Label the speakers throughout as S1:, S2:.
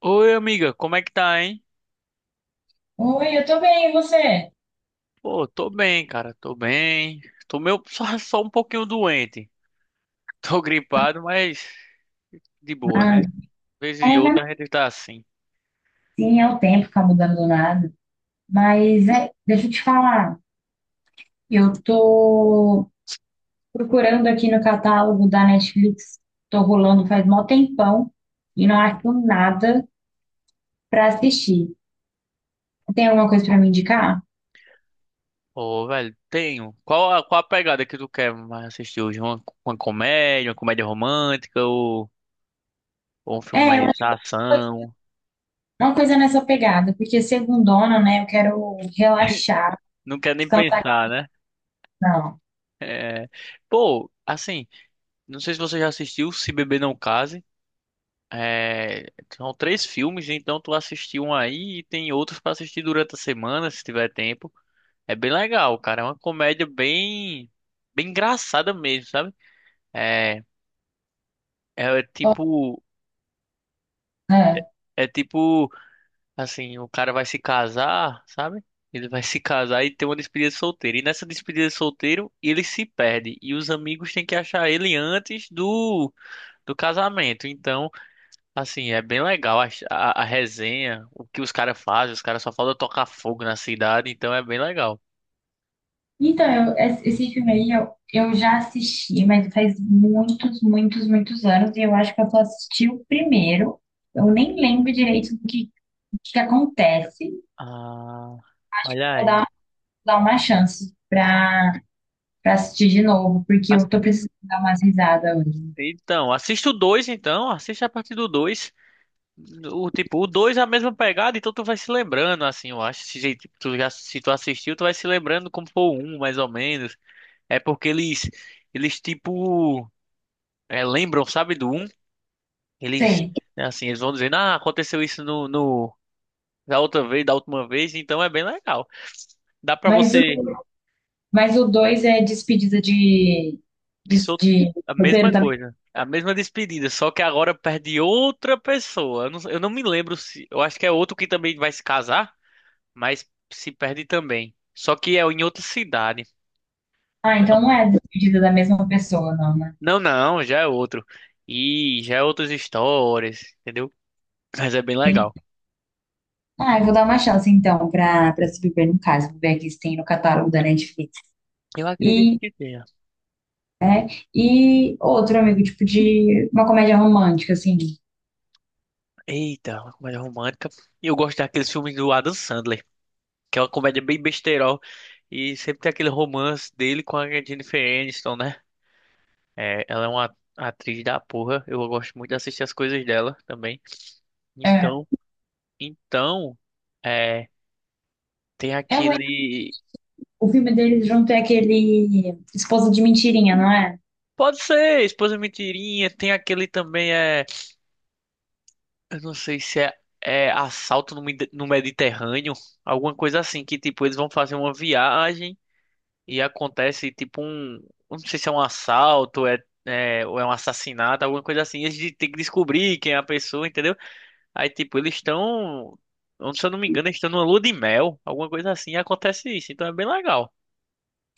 S1: Oi, amiga, como é que tá, hein?
S2: Oi, eu tô bem, e você?
S1: Pô, tô bem, cara, tô bem. Tô meio só um pouquinho doente. Tô gripado, mas de boa,
S2: Ai,
S1: né? Vez e
S2: é, vai-
S1: outra a gente tá assim.
S2: sim, é o tempo ficar mudando do nada. Mas é, deixa eu te falar, eu tô procurando aqui no catálogo da Netflix, tô rolando faz mó tempão e não acho nada pra assistir. Tem alguma coisa pra me indicar?
S1: Ô, velho, tenho. Qual a pegada que tu quer mais assistir hoje? Uma comédia, uma comédia romântica ou um filme
S2: É, eu
S1: mais
S2: acho que foi
S1: ação?
S2: uma coisa nessa pegada, porque segundona, né, eu quero relaxar,
S1: Não quero nem
S2: descansar com
S1: pensar, né? É... Pô, assim, não sei se você já assistiu Se Beber Não Case. É, são três filmes, então tu assistiu um aí e tem outros pra assistir durante a semana, se tiver tempo. É bem legal, cara. É uma comédia bem engraçada mesmo, sabe? É, é é tipo,
S2: não.
S1: é tipo, assim, o cara vai se casar, sabe? Ele vai se casar e tem uma despedida de solteiro. E nessa despedida de solteiro, ele se perde. E os amigos têm que achar ele antes do casamento. Então, assim, é bem legal a resenha, o que os caras fazem, os caras só faltam tocar fogo na cidade, então é bem legal.
S2: Então, esse filme aí eu já assisti, mas faz muitos, muitos, muitos anos, e eu acho que eu só assisti o primeiro. Eu nem lembro direito o que que acontece.
S1: Ah, olha
S2: Vou
S1: aí.
S2: dar, dar uma chance pra assistir de novo, porque eu tô
S1: Assi-
S2: precisando dar umas risadas hoje.
S1: Então, assista o 2 então, assiste a partir do dois. O tipo, o 2 é a mesma pegada, então tu vai se lembrando, assim, eu acho. Se tu assistiu, tu vai se lembrando como foi o 1, mais ou menos. É porque eles lembram, sabe, do um. Eles,
S2: Sei.
S1: É assim, eles vão dizendo, ah, aconteceu isso no da outra vez, da última vez, então é bem legal. Dá pra
S2: Mas o,
S1: você
S2: mas o dois é despedida de, de,
S1: disso
S2: de
S1: a mesma
S2: roteiro também.
S1: coisa, a mesma despedida, só que agora perde outra pessoa. Eu não me lembro se, eu acho que é outro que também vai se casar, mas se perde também. Só que é em outra cidade.
S2: Ah,
S1: Eu
S2: então
S1: não,
S2: não é despedida da mesma pessoa, não, né?
S1: não, não, já é outro. E já é outras histórias, entendeu? Mas é bem legal.
S2: Ah, eu vou dar uma chance então para se beber no caso, vou ver aqui se tem no catálogo da Netflix.
S1: Eu acredito
S2: E,
S1: que tenha.
S2: é, e outro amigo, tipo de uma comédia romântica, assim.
S1: Eita, uma comédia romântica. E eu gosto daqueles filmes do Adam Sandler, que é uma comédia bem besterol. E sempre tem aquele romance dele com a Jennifer Aniston, né? É, ela é uma atriz da porra. Eu gosto muito de assistir as coisas dela também.
S2: É,
S1: Então, então, é, tem
S2: é ruim.
S1: aquele.
S2: O filme deles junto é aquele Esposa de Mentirinha, não é?
S1: Pode ser, Esposa Mentirinha. Tem aquele também, é. Eu não sei se é Assalto no Medi- no Mediterrâneo. Alguma coisa assim, que tipo, eles vão fazer uma viagem. E acontece tipo um, eu não sei se é um assalto, é ou é um assassinato, alguma coisa assim. Eles têm que descobrir quem é a pessoa, entendeu? Aí tipo eles estão, se eu não me engano, eles estão numa lua de mel, alguma coisa assim. E acontece isso, então é bem legal.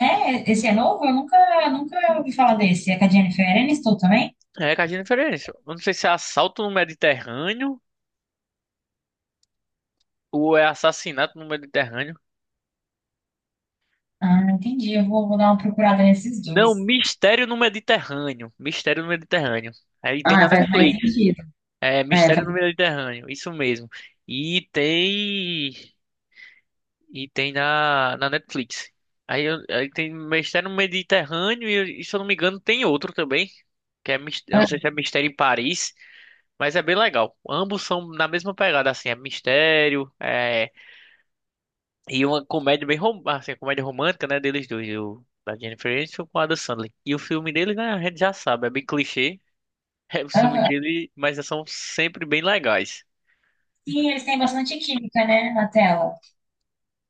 S2: É, esse é novo? Eu nunca, nunca ouvi falar desse. É com a Jennifer Aniston também?
S1: É, que a gente diferença. Eu não sei se é assalto no Mediterrâneo ou é assassinato no Mediterrâneo.
S2: Ah, entendi. Eu vou dar uma procurada nesses
S1: Não,
S2: dois.
S1: Mistério no Mediterrâneo. Mistério no Mediterrâneo. Aí tem
S2: Ah,
S1: na
S2: faz mais
S1: Netflix.
S2: sentido.
S1: É
S2: É,
S1: Mistério
S2: faz.
S1: no Mediterrâneo, isso mesmo. E tem. E tem na Netflix. Aí tem Mistério no Mediterrâneo e, se eu não me engano, tem outro também. Eu não
S2: Ah.
S1: sei se é Mistério em Paris, mas é bem legal. Ambos são na mesma pegada, assim, é mistério, é, e uma comédia bem rom, assim, comédia romântica, né, deles dois, o, da Jennifer Aniston com o Adam Sandler. E o filme dele, né, a gente já sabe, é bem clichê. É, os filmes
S2: Aham.
S1: dele, mas são sempre bem legais.
S2: Sim, eles têm bastante química, né, na tela.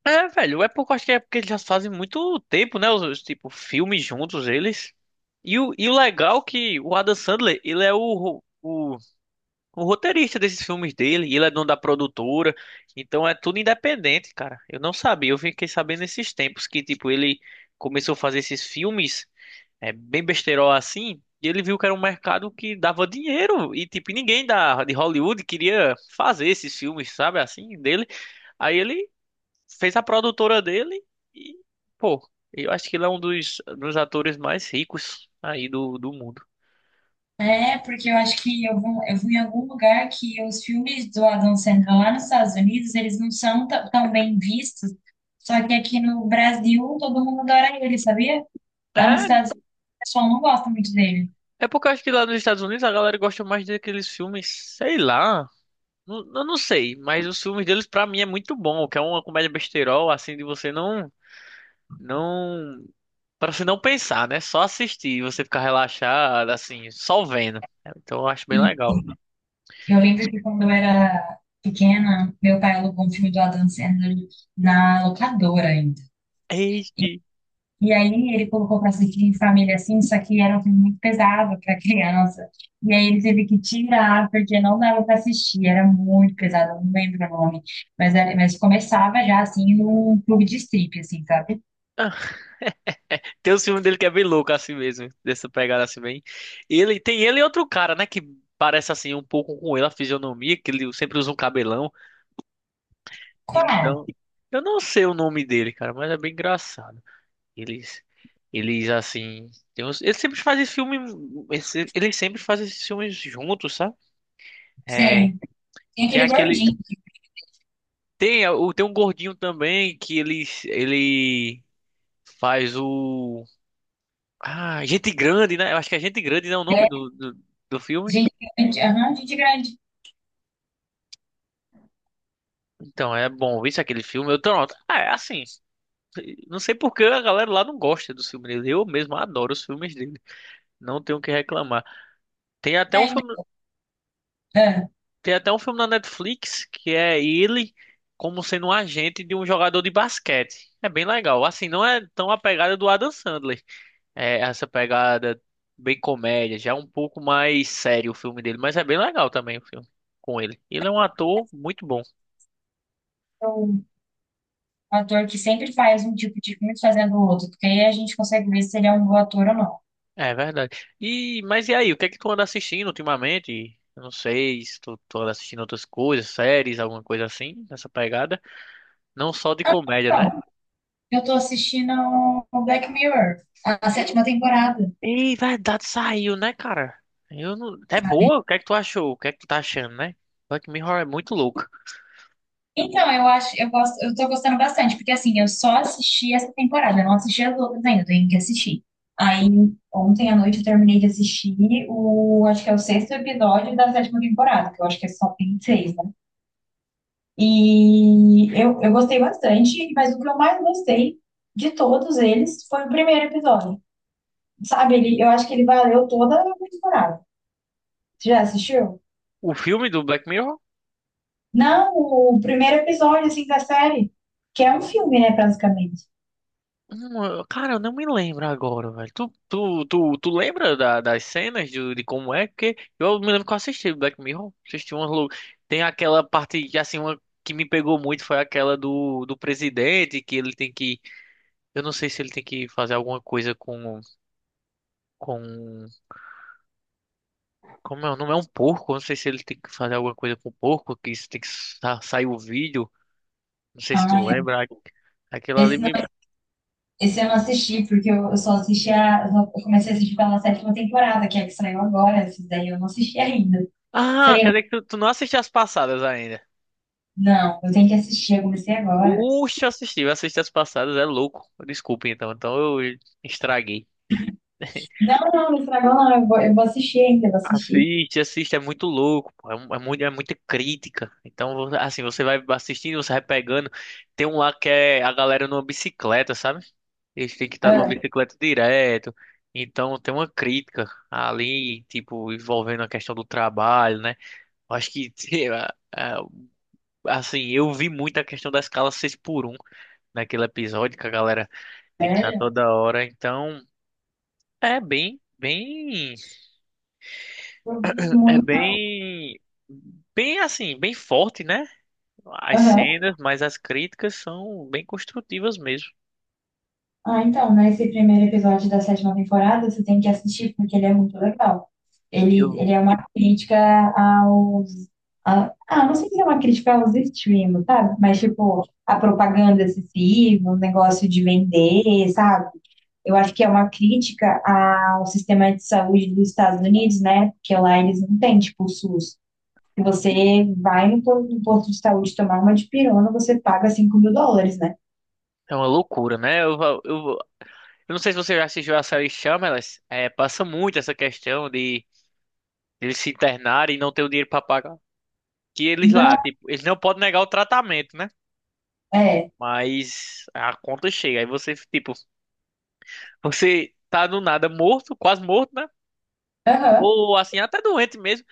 S1: É, velho, é porque eu acho que é porque eles já fazem muito tempo, né? Os, tipo, filmes juntos, eles. E o legal é que o Adam Sandler, ele é o o, roteirista desses filmes dele, ele é dono da produtora, então é tudo independente, cara. Eu não sabia, eu fiquei sabendo nesses tempos que, tipo, ele começou a fazer esses filmes, é, bem besterol assim, e ele viu que era um mercado que dava dinheiro, e, tipo, ninguém de Hollywood queria fazer esses filmes, sabe, assim, dele. Aí ele fez a produtora dele e, pô, eu acho que ele é um dos atores mais ricos aí do mundo.
S2: É, porque eu acho que eu fui em algum lugar que os filmes do Adam Sandler lá nos Estados Unidos, eles não são tão bem vistos, só que aqui no Brasil todo mundo adora ele, sabia? Lá nos
S1: É,
S2: Estados Unidos o pessoal não gosta muito dele.
S1: é porque eu acho que lá nos Estados Unidos a galera gosta mais daqueles filmes, sei lá. Eu não sei, mas os filmes deles pra mim é muito bom, que é uma comédia besterol, assim, de você não, para você não pensar, né? Só assistir, e você ficar relaxado, assim, só vendo. Então eu acho bem
S2: E
S1: legal.
S2: eu lembro que quando eu era pequena, meu pai alugou um filme do Adam Sandler na locadora ainda.
S1: Eita.
S2: E aí ele colocou para assistir em família assim, só que era um filme muito pesado para criança. E aí ele teve que tirar, porque não dava para assistir, era muito pesado, eu não lembro o nome. Mas, mas começava já assim num clube de strip, assim, sabe?
S1: Tem um filme dele que é bem louco assim mesmo, dessa pegada assim bem. Ele tem ele e outro cara, né, que parece assim um pouco com ele a fisionomia, que ele sempre usa um cabelão.
S2: Qual?
S1: Então, eu não sei o nome dele, cara, mas é bem engraçado. Eles eles assim, eles sempre fazem filme, eles sempre fazem esses filmes juntos, sabe? É,
S2: Sei. Tem
S1: tem
S2: aquele
S1: aquele
S2: gordinho,
S1: tem é, o tem um gordinho também que ele faz o... Ah, Gente Grande, né? Eu acho que é Gente Grande, né? O nome
S2: né?
S1: do filme.
S2: Gente Grande, aham, Gente Grande.
S1: Então, é bom. Isso aquele filme, eu tô... Ah, é assim. Não sei por que a galera lá não gosta dos filmes dele. Eu mesmo adoro os filmes dele. Não tenho o que reclamar. Tem até um
S2: Tem.
S1: filme,
S2: Ah,
S1: Tem até um filme na Netflix que é ele como sendo um agente de um jogador de basquete. É bem legal. Assim, não é tão a pegada do Adam Sandler. É essa pegada bem comédia, já é um pouco mais sério o filme dele, mas é bem legal também o filme com ele. Ele é um ator muito bom.
S2: o ator que sempre faz um tipo de filme fazendo o outro, porque aí a gente consegue ver se ele é um bom ator ou não.
S1: É verdade. E, mas e aí, o que é que tu anda assistindo ultimamente? Eu não sei se tu, tu anda assistindo outras coisas, séries, alguma coisa assim, nessa pegada. Não só de comédia, né?
S2: Pronto. Eu tô assistindo o Black Mirror, a sétima temporada.
S1: Ei, verdade, saiu, né, cara? Eu não... É boa, o que é que tu achou? O que é que tu tá achando, né? Black Mirror é muito louco.
S2: Então, eu acho, eu gosto, eu tô gostando bastante, porque assim, eu só assisti essa temporada, eu não assisti as outras ainda, eu tenho que assistir. Aí, ontem à noite eu terminei de assistir acho que é o sexto episódio da sétima temporada, que eu acho que é só tem seis, né? E eu gostei bastante, mas o que eu mais gostei de todos eles foi o primeiro episódio. Sabe, eu acho que ele valeu toda a temporada. Você já assistiu?
S1: O filme do Black Mirror?
S2: Não, o primeiro episódio, assim, da série, que é um filme, né, basicamente.
S1: Cara, eu não me lembro agora, velho. Tu lembra da- das cenas de como é? Porque eu me lembro que eu assisti Black Mirror. Assisti umas lou-. Tem aquela parte que, assim, uma que me pegou muito foi aquela do presidente, que ele tem que. Eu não sei se ele tem que fazer alguma coisa com. Com... Como é? O É um porco. Eu não sei se ele tem que fazer alguma coisa com o porco, que isso tem que sa- sair o vídeo. Não sei se tu
S2: Ah,
S1: lembra. Aquela ali
S2: esse, não,
S1: me.
S2: esse eu não assisti, porque eu só assisti a. Eu comecei a assistir pela sétima temporada, que é a que saiu agora. Esse daí eu não assisti ainda.
S1: Ah, quer
S2: Seria.
S1: dizer que tu não assistiu as passadas ainda.
S2: Não, eu tenho que assistir, eu comecei agora.
S1: Uxa, assisti, eu assisti as passadas, é louco. Desculpe então, então eu estraguei.
S2: Não, não, não estragou, não, eu vou assistir ainda, eu vou assistir.
S1: Assiste, assiste, é muito louco, pô. É, mu- é muito, é muita crítica. Então, assim, você vai assistindo, você vai pegando. Tem um lá que é a galera numa bicicleta, sabe? Eles têm que estar numa
S2: Ah,
S1: bicicleta direto. Então, tem uma crítica ali, tipo, envolvendo a questão do trabalho, né? Eu acho que, sei lá, ah, assim, eu vi muito a questão da escala 6 por um naquele episódio que a galera tem que estar
S2: sério?
S1: toda hora, então é bem, bem,
S2: Eu vi
S1: é
S2: muito.
S1: bem, bem assim, bem forte, né? As
S2: Aham.
S1: cenas, mas as críticas são bem construtivas mesmo.
S2: Ah, então, nesse primeiro episódio da sétima temporada, você tem que assistir porque ele é muito legal. Ele,
S1: Eu,
S2: ele é uma crítica aos. Não sei se é uma crítica aos streams, sabe? Mas, tipo, a propaganda excessiva, o negócio de vender, sabe? Eu acho que é uma crítica ao sistema de saúde dos Estados Unidos, né? Porque lá eles não têm, tipo, o SUS. Se você vai no posto de saúde tomar uma dipirona, você paga US$ 5.000, né?
S1: É uma loucura, né? Eu não sei se você já assistiu a série Shameless, é, passa muito essa questão de eles se internarem e não ter o dinheiro para pagar. Que eles
S2: Não,
S1: lá, tipo, eles não podem negar o tratamento, né?
S2: é.
S1: Mas a conta chega, aí você, tipo, você tá do nada morto, quase morto, né?
S2: Aham.
S1: Ou assim, até doente mesmo,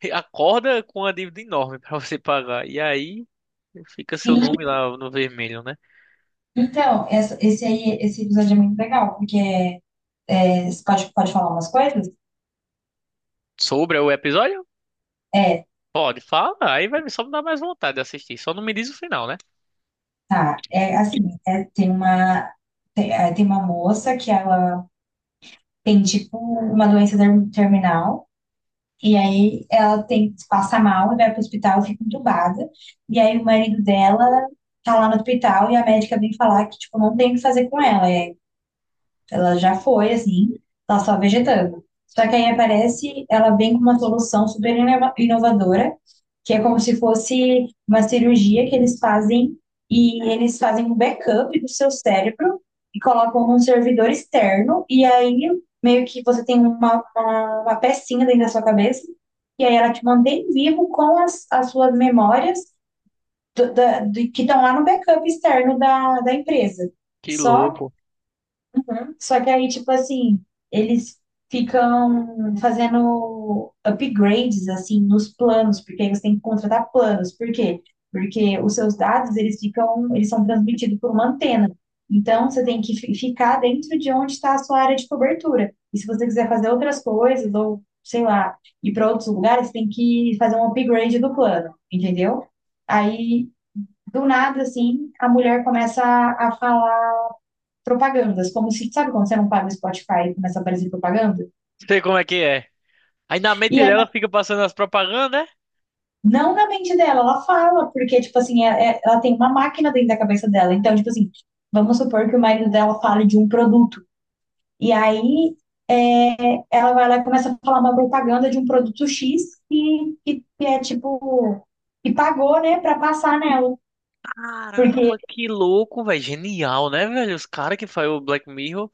S1: acorda com uma dívida enorme pra você pagar. E aí fica seu
S2: Sim.
S1: nome lá no vermelho, né?
S2: Então, esse episódio é muito legal, porque você pode falar umas coisas?
S1: Sobre o episódio?
S2: É,
S1: Pode, fala. Aí vai só me dar mais vontade de assistir. Só não me diz o final, né?
S2: tá. É assim, é, tem uma, tem uma moça que ela tem tipo uma doença terminal, e aí ela passa mal, e vai pro hospital, fica entubada, e aí o marido dela tá lá no hospital e a médica vem falar que, tipo, não tem o que fazer com ela. Ela já foi, assim, tá só vegetando. Só que aí aparece, ela vem com uma solução super inovadora, que é como se fosse uma cirurgia que eles fazem e eles fazem um backup do seu cérebro e colocam num servidor externo e aí meio que você tem uma pecinha dentro da sua cabeça e aí ela te mantém vivo com as suas memórias que estão lá no backup externo da empresa.
S1: Que
S2: Só
S1: louco.
S2: Uhum. Só que aí, tipo assim, eles ficam fazendo upgrades, assim, nos planos, porque aí você tem que contratar planos. Por quê? Porque os seus dados, eles ficam, eles são transmitidos por uma antena. Então, você tem que ficar dentro de onde está a sua área de cobertura. E se você quiser fazer outras coisas, ou, sei lá, ir para outros lugares, você tem que fazer um upgrade do plano, entendeu? Aí, do nada, assim, a mulher começa a falar propagandas, como se, sabe quando você não paga o Spotify e começa a aparecer propaganda?
S1: Sei como é que é. Aí na
S2: E
S1: mente
S2: aí,
S1: dela fica passando as propagandas, né?
S2: não na mente dela, ela fala, porque, tipo assim, ela tem uma máquina dentro da cabeça dela. Então, tipo assim, vamos supor que o marido dela fale de um produto. E aí, ela vai lá e começa a falar uma propaganda de um produto X que é, tipo, que pagou, né, pra passar nela. Porque,
S1: Caramba, que louco, velho. Genial, né, velho? Os caras que faz o Black Mirror.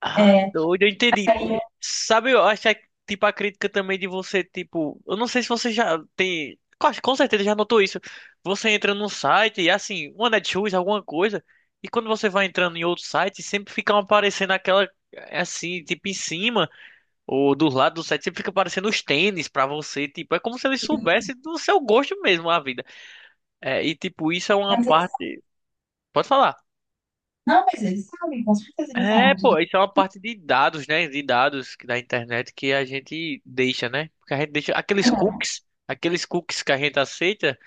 S1: Ah,
S2: é,
S1: doido, eu entendi.
S2: aí,
S1: Sabe, eu acho que, é, tipo, a crítica também de você, tipo, eu não sei se você já tem, com certeza já notou isso. Você entra num site e, assim, uma Netshoes, alguma coisa, e quando você vai entrando em outro site, sempre fica aparecendo aquela, eh, assim, tipo, em cima ou do lado do site, sempre fica aparecendo os tênis pra você, tipo, é como se eles soubessem do seu gosto mesmo a vida. É, e, tipo, isso é uma
S2: mas eles,
S1: parte. Pode falar.
S2: não, mas eles sabem, com certeza eles
S1: É,
S2: sabem tudo.
S1: pô, isso é uma parte de dados, né? Da internet que a gente deixa, né? Porque a gente deixa aqueles cookies que a gente aceita,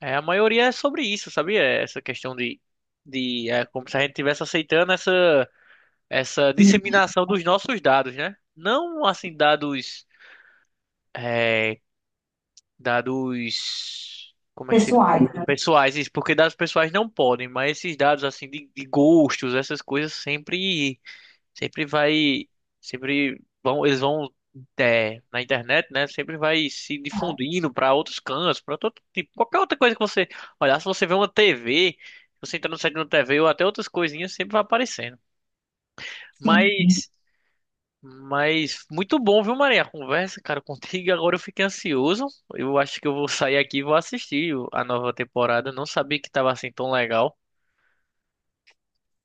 S1: é, a maioria é sobre isso, sabia? É essa questão de é como se a gente estivesse aceitando essa, essa disseminação dos nossos dados, né? Não assim dados, é, dados, como é que se
S2: Pessoais, né?
S1: pessoais, isso, porque dados pessoais não podem, mas esses dados assim de gostos, essas coisas sempre vai, sempre vão, eles vão é, na internet, né? Sempre vai se difundindo para outros cantos, para todo tipo, qualquer outra coisa que você olhar, se você vê uma TV, você entra no site de uma TV ou até outras coisinhas, sempre vai aparecendo.
S2: Sim.
S1: Mas, mas muito bom, viu, Maria? A conversa, cara, contigo. Agora eu fiquei ansioso. Eu acho que eu vou sair aqui e vou assistir a nova temporada. Não sabia que tava assim tão legal.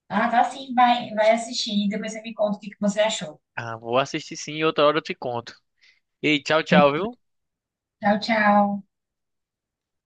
S2: Ah, tá sim, vai assistir e depois você me conta o que que você achou.
S1: Ah, vou assistir sim, e outra hora eu te conto. E tchau, tchau, viu?
S2: Tchau, tchau.